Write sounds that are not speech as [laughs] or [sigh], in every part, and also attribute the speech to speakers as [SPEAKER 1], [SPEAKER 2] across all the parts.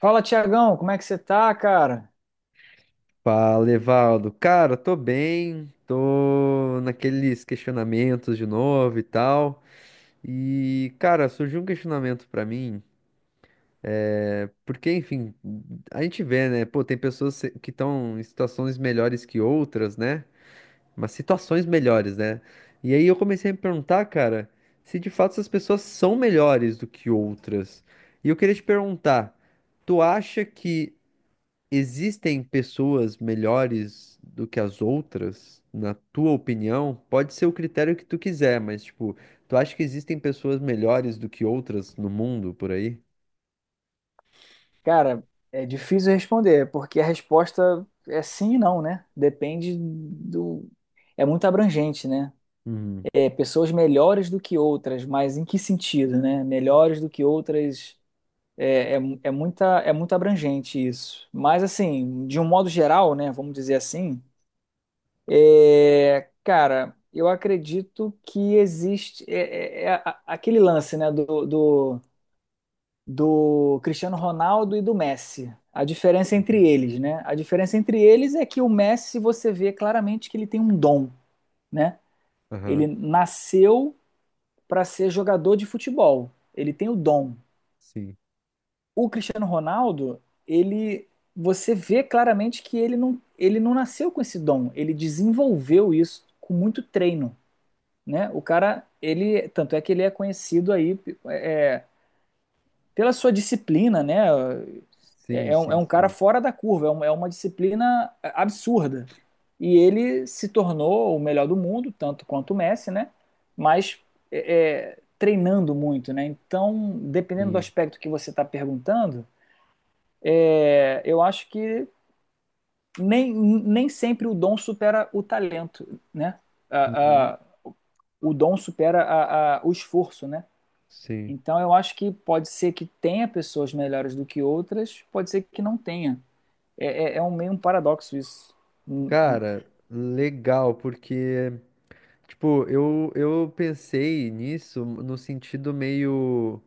[SPEAKER 1] Fala, Tiagão, como é que você tá, cara?
[SPEAKER 2] Fala, Evaldo. Cara, tô bem, tô naqueles questionamentos de novo e tal. E, cara, surgiu um questionamento pra mim, porque, enfim, a gente vê, né? Pô, tem pessoas que estão em situações melhores que outras, né? Mas situações melhores, né? E aí eu comecei a me perguntar, cara, se de fato essas pessoas são melhores do que outras. E eu queria te perguntar, tu acha que existem pessoas melhores do que as outras, na tua opinião? Pode ser o critério que tu quiser, mas tipo, tu acha que existem pessoas melhores do que outras no mundo por aí?
[SPEAKER 1] Cara, é difícil responder, porque a resposta é sim e não, né? Depende do. É muito abrangente, né?
[SPEAKER 2] Uhum.
[SPEAKER 1] É, pessoas melhores do que outras, mas em que sentido, né? Melhores do que outras. É muito abrangente isso. Mas, assim, de um modo geral, né? Vamos dizer assim, cara, eu acredito que existe. Aquele lance, né? Do Cristiano Ronaldo e do Messi. A diferença entre
[SPEAKER 2] Uhum.
[SPEAKER 1] eles, né? A diferença entre eles é que o Messi você vê claramente que ele tem um dom, né?
[SPEAKER 2] Aham.
[SPEAKER 1] Ele nasceu para ser jogador de futebol. Ele tem o dom.
[SPEAKER 2] Sim.
[SPEAKER 1] O Cristiano Ronaldo, ele você vê claramente que ele não nasceu com esse dom, ele desenvolveu isso com muito treino, né? O cara, ele, tanto é que ele é conhecido aí é pela sua disciplina, né?
[SPEAKER 2] Sim,
[SPEAKER 1] É
[SPEAKER 2] sim,
[SPEAKER 1] um cara
[SPEAKER 2] sim.
[SPEAKER 1] fora da curva, é uma disciplina absurda. E ele se tornou o melhor do mundo, tanto quanto o Messi, né? Mas treinando muito, né? Então, dependendo do
[SPEAKER 2] Sim.
[SPEAKER 1] aspecto que você está perguntando, eu acho que nem sempre o dom supera o talento, né? A,
[SPEAKER 2] Uhum.
[SPEAKER 1] a, o dom supera o esforço, né?
[SPEAKER 2] Sim.
[SPEAKER 1] Então eu acho que pode ser que tenha pessoas melhores do que outras, pode ser que não tenha. É um meio um paradoxo isso. Hum, hum.
[SPEAKER 2] Cara, legal, porque, tipo, eu pensei nisso no sentido meio.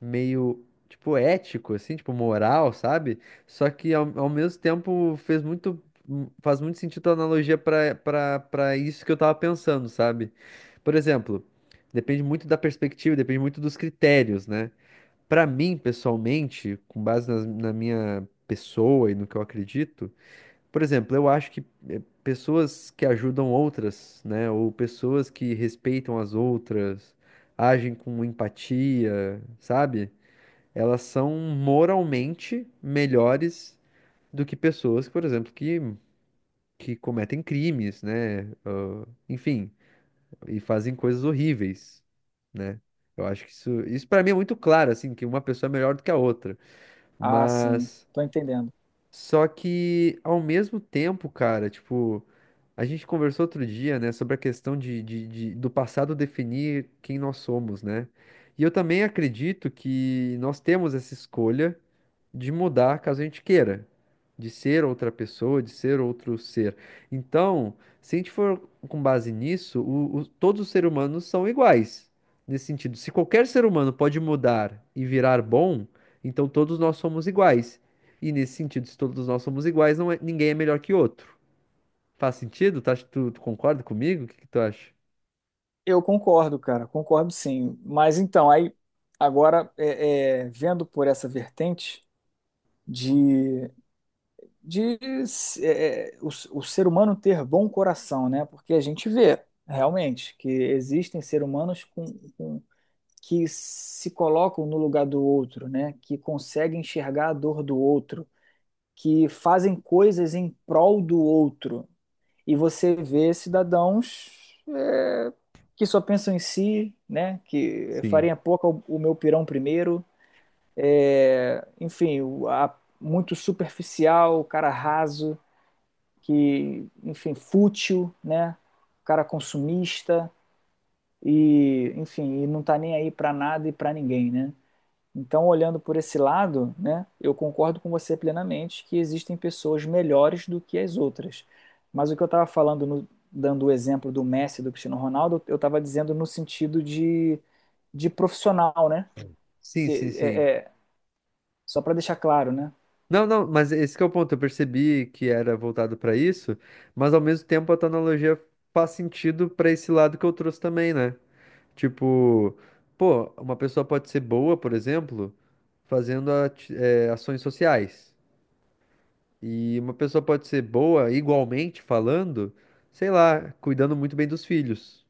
[SPEAKER 2] Meio, tipo, ético, assim, tipo, moral, sabe? Só que ao mesmo tempo fez muito, faz muito sentido a analogia para isso que eu tava pensando, sabe? Por exemplo, depende muito da perspectiva, depende muito dos critérios, né? Pra mim, pessoalmente, com base na minha pessoa e no que eu acredito, por exemplo, eu acho que pessoas que ajudam outras, né, ou pessoas que respeitam as outras, agem com empatia, sabe? Elas são moralmente melhores do que pessoas, por exemplo, que cometem crimes, né? Ah, enfim, e fazem coisas horríveis, né? Eu acho que isso para mim é muito claro, assim, que uma pessoa é melhor do que a outra.
[SPEAKER 1] Ah, sim,
[SPEAKER 2] Mas
[SPEAKER 1] tô entendendo.
[SPEAKER 2] só que ao mesmo tempo, cara, tipo, a gente conversou outro dia, né, sobre a questão do passado definir quem nós somos, né? E eu também acredito que nós temos essa escolha de mudar caso a gente queira, de ser outra pessoa, de ser outro ser. Então, se a gente for com base nisso, todos os seres humanos são iguais. Nesse sentido, se qualquer ser humano pode mudar e virar bom, então todos nós somos iguais. E nesse sentido, se todos nós somos iguais, não é- ninguém é melhor que outro. Faz sentido? Tu concorda comigo? O que que tu acha?
[SPEAKER 1] Eu concordo, cara, concordo sim. Mas então, aí agora vendo por essa vertente de, de é, é, o, o ser humano ter bom coração, né? Porque a gente vê realmente que existem seres humanos com que se colocam no lugar do outro, né? Que conseguem enxergar a dor do outro, que fazem coisas em prol do outro. E você vê cidadãos que só pensam em si, né? Que
[SPEAKER 2] Sim.
[SPEAKER 1] farinha pouca o meu pirão primeiro. Enfim, muito superficial, o cara raso, que, enfim, fútil, né? O cara consumista e, enfim, e não tá nem aí para nada e para ninguém, né? Então, olhando por esse lado, né, eu concordo com você plenamente que existem pessoas melhores do que as outras. Mas o que eu estava falando, dando o exemplo do Messi e do Cristiano Ronaldo, eu estava dizendo no sentido de profissional, né?
[SPEAKER 2] Sim, sim,
[SPEAKER 1] Se-
[SPEAKER 2] sim.
[SPEAKER 1] é- é- Só para deixar claro, né?
[SPEAKER 2] Não, não, mas esse que é o ponto. Eu percebi que era voltado pra isso, mas ao mesmo tempo a tua analogia faz sentido pra esse lado que eu trouxe também, né? Tipo, pô, uma pessoa pode ser boa, por exemplo, fazendo ações sociais. E uma pessoa pode ser boa, igualmente falando, sei lá, cuidando muito bem dos filhos.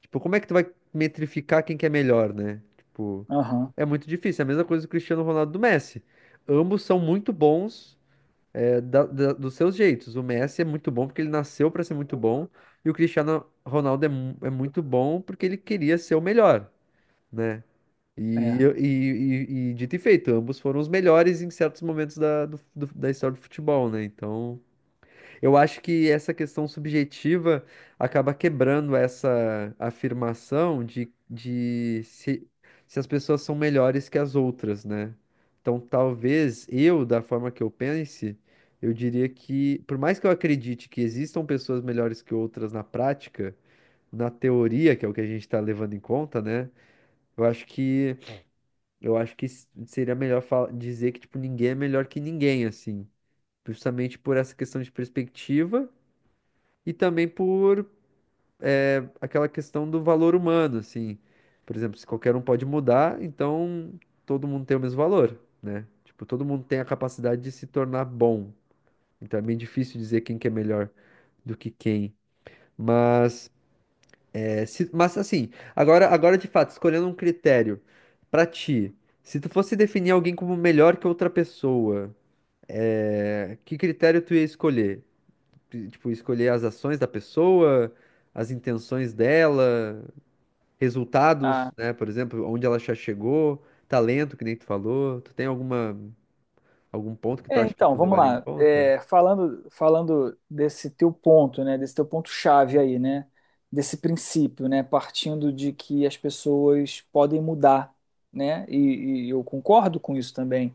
[SPEAKER 2] Tipo, como é que tu vai metrificar quem que é melhor, né? Tipo,
[SPEAKER 1] Aham,
[SPEAKER 2] é muito difícil. É a mesma coisa do Cristiano Ronaldo e do Messi. Ambos são muito bons dos seus jeitos. O Messi é muito bom porque ele nasceu para ser muito bom, e o Cristiano Ronaldo é, é muito bom porque ele queria ser o melhor, né? E,
[SPEAKER 1] é.
[SPEAKER 2] e dito e feito, ambos foram os melhores em certos momentos da história do futebol, né? Então. Eu acho que essa questão subjetiva acaba quebrando essa afirmação de se, se as pessoas são melhores que as outras, né? Então, talvez eu, da forma que eu pense, eu diria que, por mais que eu acredite que existam pessoas melhores que outras na prática, na teoria, que é o que a gente está levando em conta, né? Eu acho que, eu acho que seria melhor dizer que, tipo, ninguém é melhor que ninguém, assim. Justamente por essa questão de perspectiva e também por aquela questão do valor humano, assim. Por exemplo, se qualquer um pode mudar, então todo mundo tem o mesmo valor, né? Tipo, todo mundo tem a capacidade de se tornar bom. Então é bem difícil dizer quem que é melhor do que quem. Mas, mas assim, agora de fato, escolhendo um critério pra ti, se tu fosse definir alguém como melhor que outra pessoa, que critério tu ia escolher? Tipo, escolher as ações da pessoa, as intenções dela. Resultados,
[SPEAKER 1] Ah,
[SPEAKER 2] né? Por exemplo, onde ela já chegou, talento, que nem tu falou. Algum ponto que tu
[SPEAKER 1] é,
[SPEAKER 2] acha que
[SPEAKER 1] então,
[SPEAKER 2] tu
[SPEAKER 1] vamos
[SPEAKER 2] levaria em
[SPEAKER 1] lá.
[SPEAKER 2] conta?
[SPEAKER 1] É, falando desse teu ponto, né, desse teu ponto-chave aí, né, desse princípio, né, partindo de que as pessoas podem mudar, né, e, eu concordo com isso também.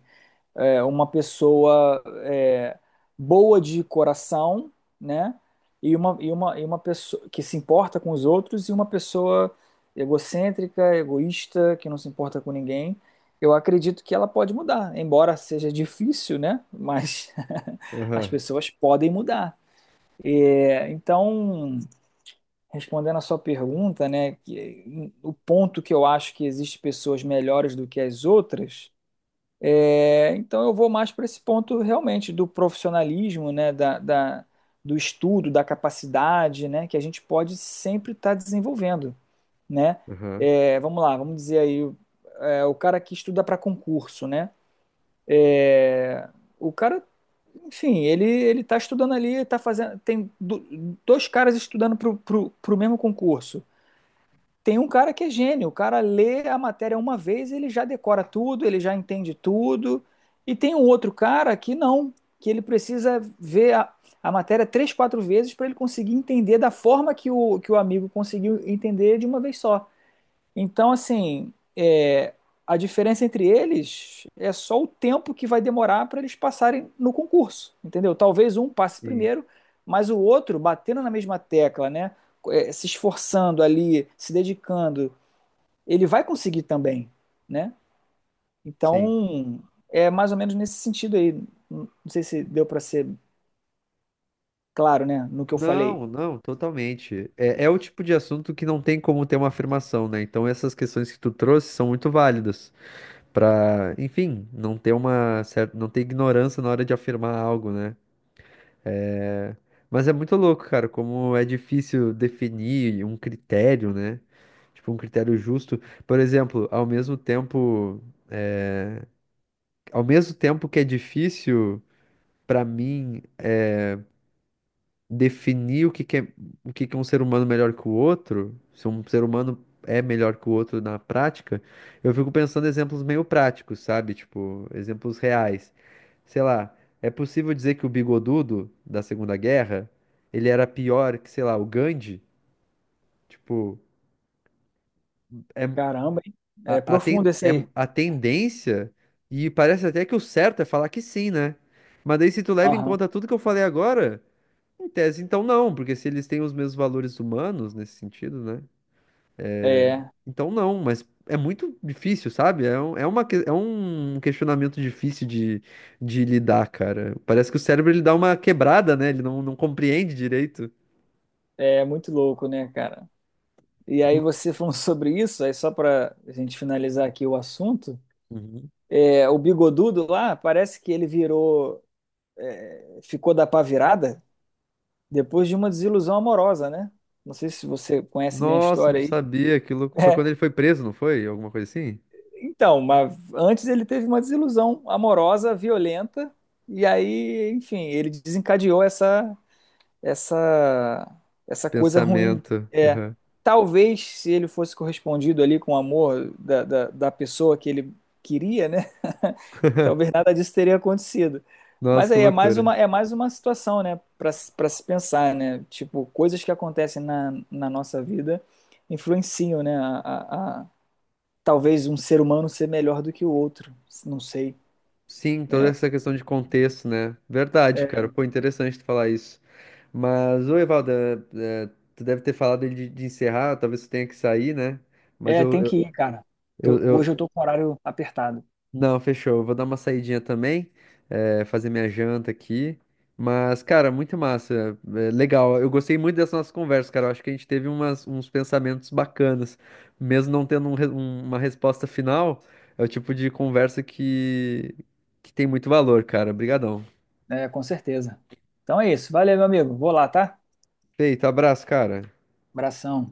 [SPEAKER 1] Uma pessoa é, boa de coração, né? E uma pessoa que se importa com os outros e uma pessoa egocêntrica, egoísta, que não se importa com ninguém. Eu acredito que ela pode mudar, embora seja difícil, né? Mas [laughs] as
[SPEAKER 2] Aham,
[SPEAKER 1] pessoas podem mudar. É, então, respondendo a sua pergunta, né? Que o ponto que eu acho que existe pessoas melhores do que as outras é, então eu vou mais para esse ponto realmente do profissionalismo, né, do estudo, da capacidade, né, que a gente pode sempre estar desenvolvendo, né?
[SPEAKER 2] aham.
[SPEAKER 1] É, vamos lá, vamos dizer aí, é, o cara que estuda para concurso, né? O cara, enfim, ele está estudando ali, tá fazendo, tem dois caras estudando para o mesmo concurso. Tem um cara que é gênio, o cara lê a matéria uma vez, ele já decora tudo, ele já entende tudo. E tem um outro cara que não, que ele precisa ver a matéria três, quatro vezes para ele conseguir entender da forma que que o amigo conseguiu entender de uma vez só. Então, assim, é, a diferença entre eles é só o tempo que vai demorar para eles passarem no concurso, entendeu? Talvez um passe
[SPEAKER 2] Sim,
[SPEAKER 1] primeiro, mas o outro, batendo na mesma tecla, né? Se esforçando ali, se dedicando, ele vai conseguir também, né?
[SPEAKER 2] sim.
[SPEAKER 1] Então, é mais ou menos nesse sentido aí. Não sei se deu para ser claro, né? No que eu falei.
[SPEAKER 2] Não, não, totalmente. É, é o tipo de assunto que não tem como ter uma afirmação, né? Então essas questões que tu trouxe são muito válidas para, enfim, não ter uma certa, não ter ignorância na hora de afirmar algo, né? Mas é muito louco, cara, como é difícil definir um critério, né? Tipo, um critério justo. Por exemplo, ao mesmo tempo que é difícil pra mim definir o que que é um ser humano melhor que o outro, se um ser humano é melhor que o outro na prática, eu fico pensando em exemplos meio práticos, sabe? Tipo, exemplos reais. Sei lá, é possível dizer que o Bigodudo da Segunda Guerra, ele era pior que, sei lá, o Gandhi? Tipo, é,
[SPEAKER 1] Caramba, hein? É profundo esse
[SPEAKER 2] é
[SPEAKER 1] aí.
[SPEAKER 2] a tendência, e parece até que o certo é falar que sim, né? Mas daí, se tu leva em
[SPEAKER 1] Aham.
[SPEAKER 2] conta tudo que eu falei agora, em tese, então não, porque se eles têm os mesmos valores humanos nesse sentido, né?
[SPEAKER 1] É,
[SPEAKER 2] Então não, mas é muito difícil, sabe? É, é um questionamento difícil de lidar, cara. Parece que o cérebro ele dá uma quebrada, né? Ele não compreende direito.
[SPEAKER 1] é muito louco, né, cara? E aí você falou [laughs] sobre isso, aí só para a gente finalizar aqui o assunto,
[SPEAKER 2] Uhum.
[SPEAKER 1] é, o bigodudo lá, parece que ele virou, é, ficou da pá virada depois de uma desilusão amorosa, né? Não sei se você conhece bem a
[SPEAKER 2] Nossa, não
[SPEAKER 1] história aí.
[SPEAKER 2] sabia. Aquilo
[SPEAKER 1] [laughs]
[SPEAKER 2] foi
[SPEAKER 1] É,
[SPEAKER 2] quando ele foi preso, não foi? Alguma coisa assim?
[SPEAKER 1] então, mas antes ele teve uma desilusão amorosa, violenta, e aí, enfim, ele desencadeou essa
[SPEAKER 2] Esse
[SPEAKER 1] essa coisa ruim.
[SPEAKER 2] pensamento.
[SPEAKER 1] É, talvez se ele fosse correspondido ali com o amor da pessoa que ele queria, né? [laughs] Talvez nada disso teria acontecido.
[SPEAKER 2] Nossa,
[SPEAKER 1] Mas
[SPEAKER 2] que
[SPEAKER 1] aí
[SPEAKER 2] loucura.
[SPEAKER 1] é mais uma situação, né, para se pensar, né? Tipo, coisas que acontecem na, na nossa vida influenciam, né? Talvez um ser humano ser melhor do que o outro, não sei.
[SPEAKER 2] Sim, toda
[SPEAKER 1] É,
[SPEAKER 2] essa questão de contexto, né? Verdade, cara.
[SPEAKER 1] é,
[SPEAKER 2] Pô, interessante tu falar isso. Mas, ô, Evaldo, é, tu deve ter falado de encerrar, talvez tu tenha que sair, né? Mas
[SPEAKER 1] tem que ir, cara. Tô
[SPEAKER 2] eu
[SPEAKER 1] hoje eu tô com o horário apertado.
[SPEAKER 2] não, fechou. Eu vou dar uma saidinha também, fazer minha janta aqui. Mas, cara, muito massa. Legal. Eu gostei muito dessa nossa conversa, cara. Eu acho que a gente teve uns pensamentos bacanas. Mesmo não tendo uma resposta final, é o tipo de conversa que tem muito valor, cara. Obrigadão.
[SPEAKER 1] É, com certeza. Então é isso. Valeu, meu amigo. Vou lá, tá?
[SPEAKER 2] Feito, abraço, cara.
[SPEAKER 1] Abração.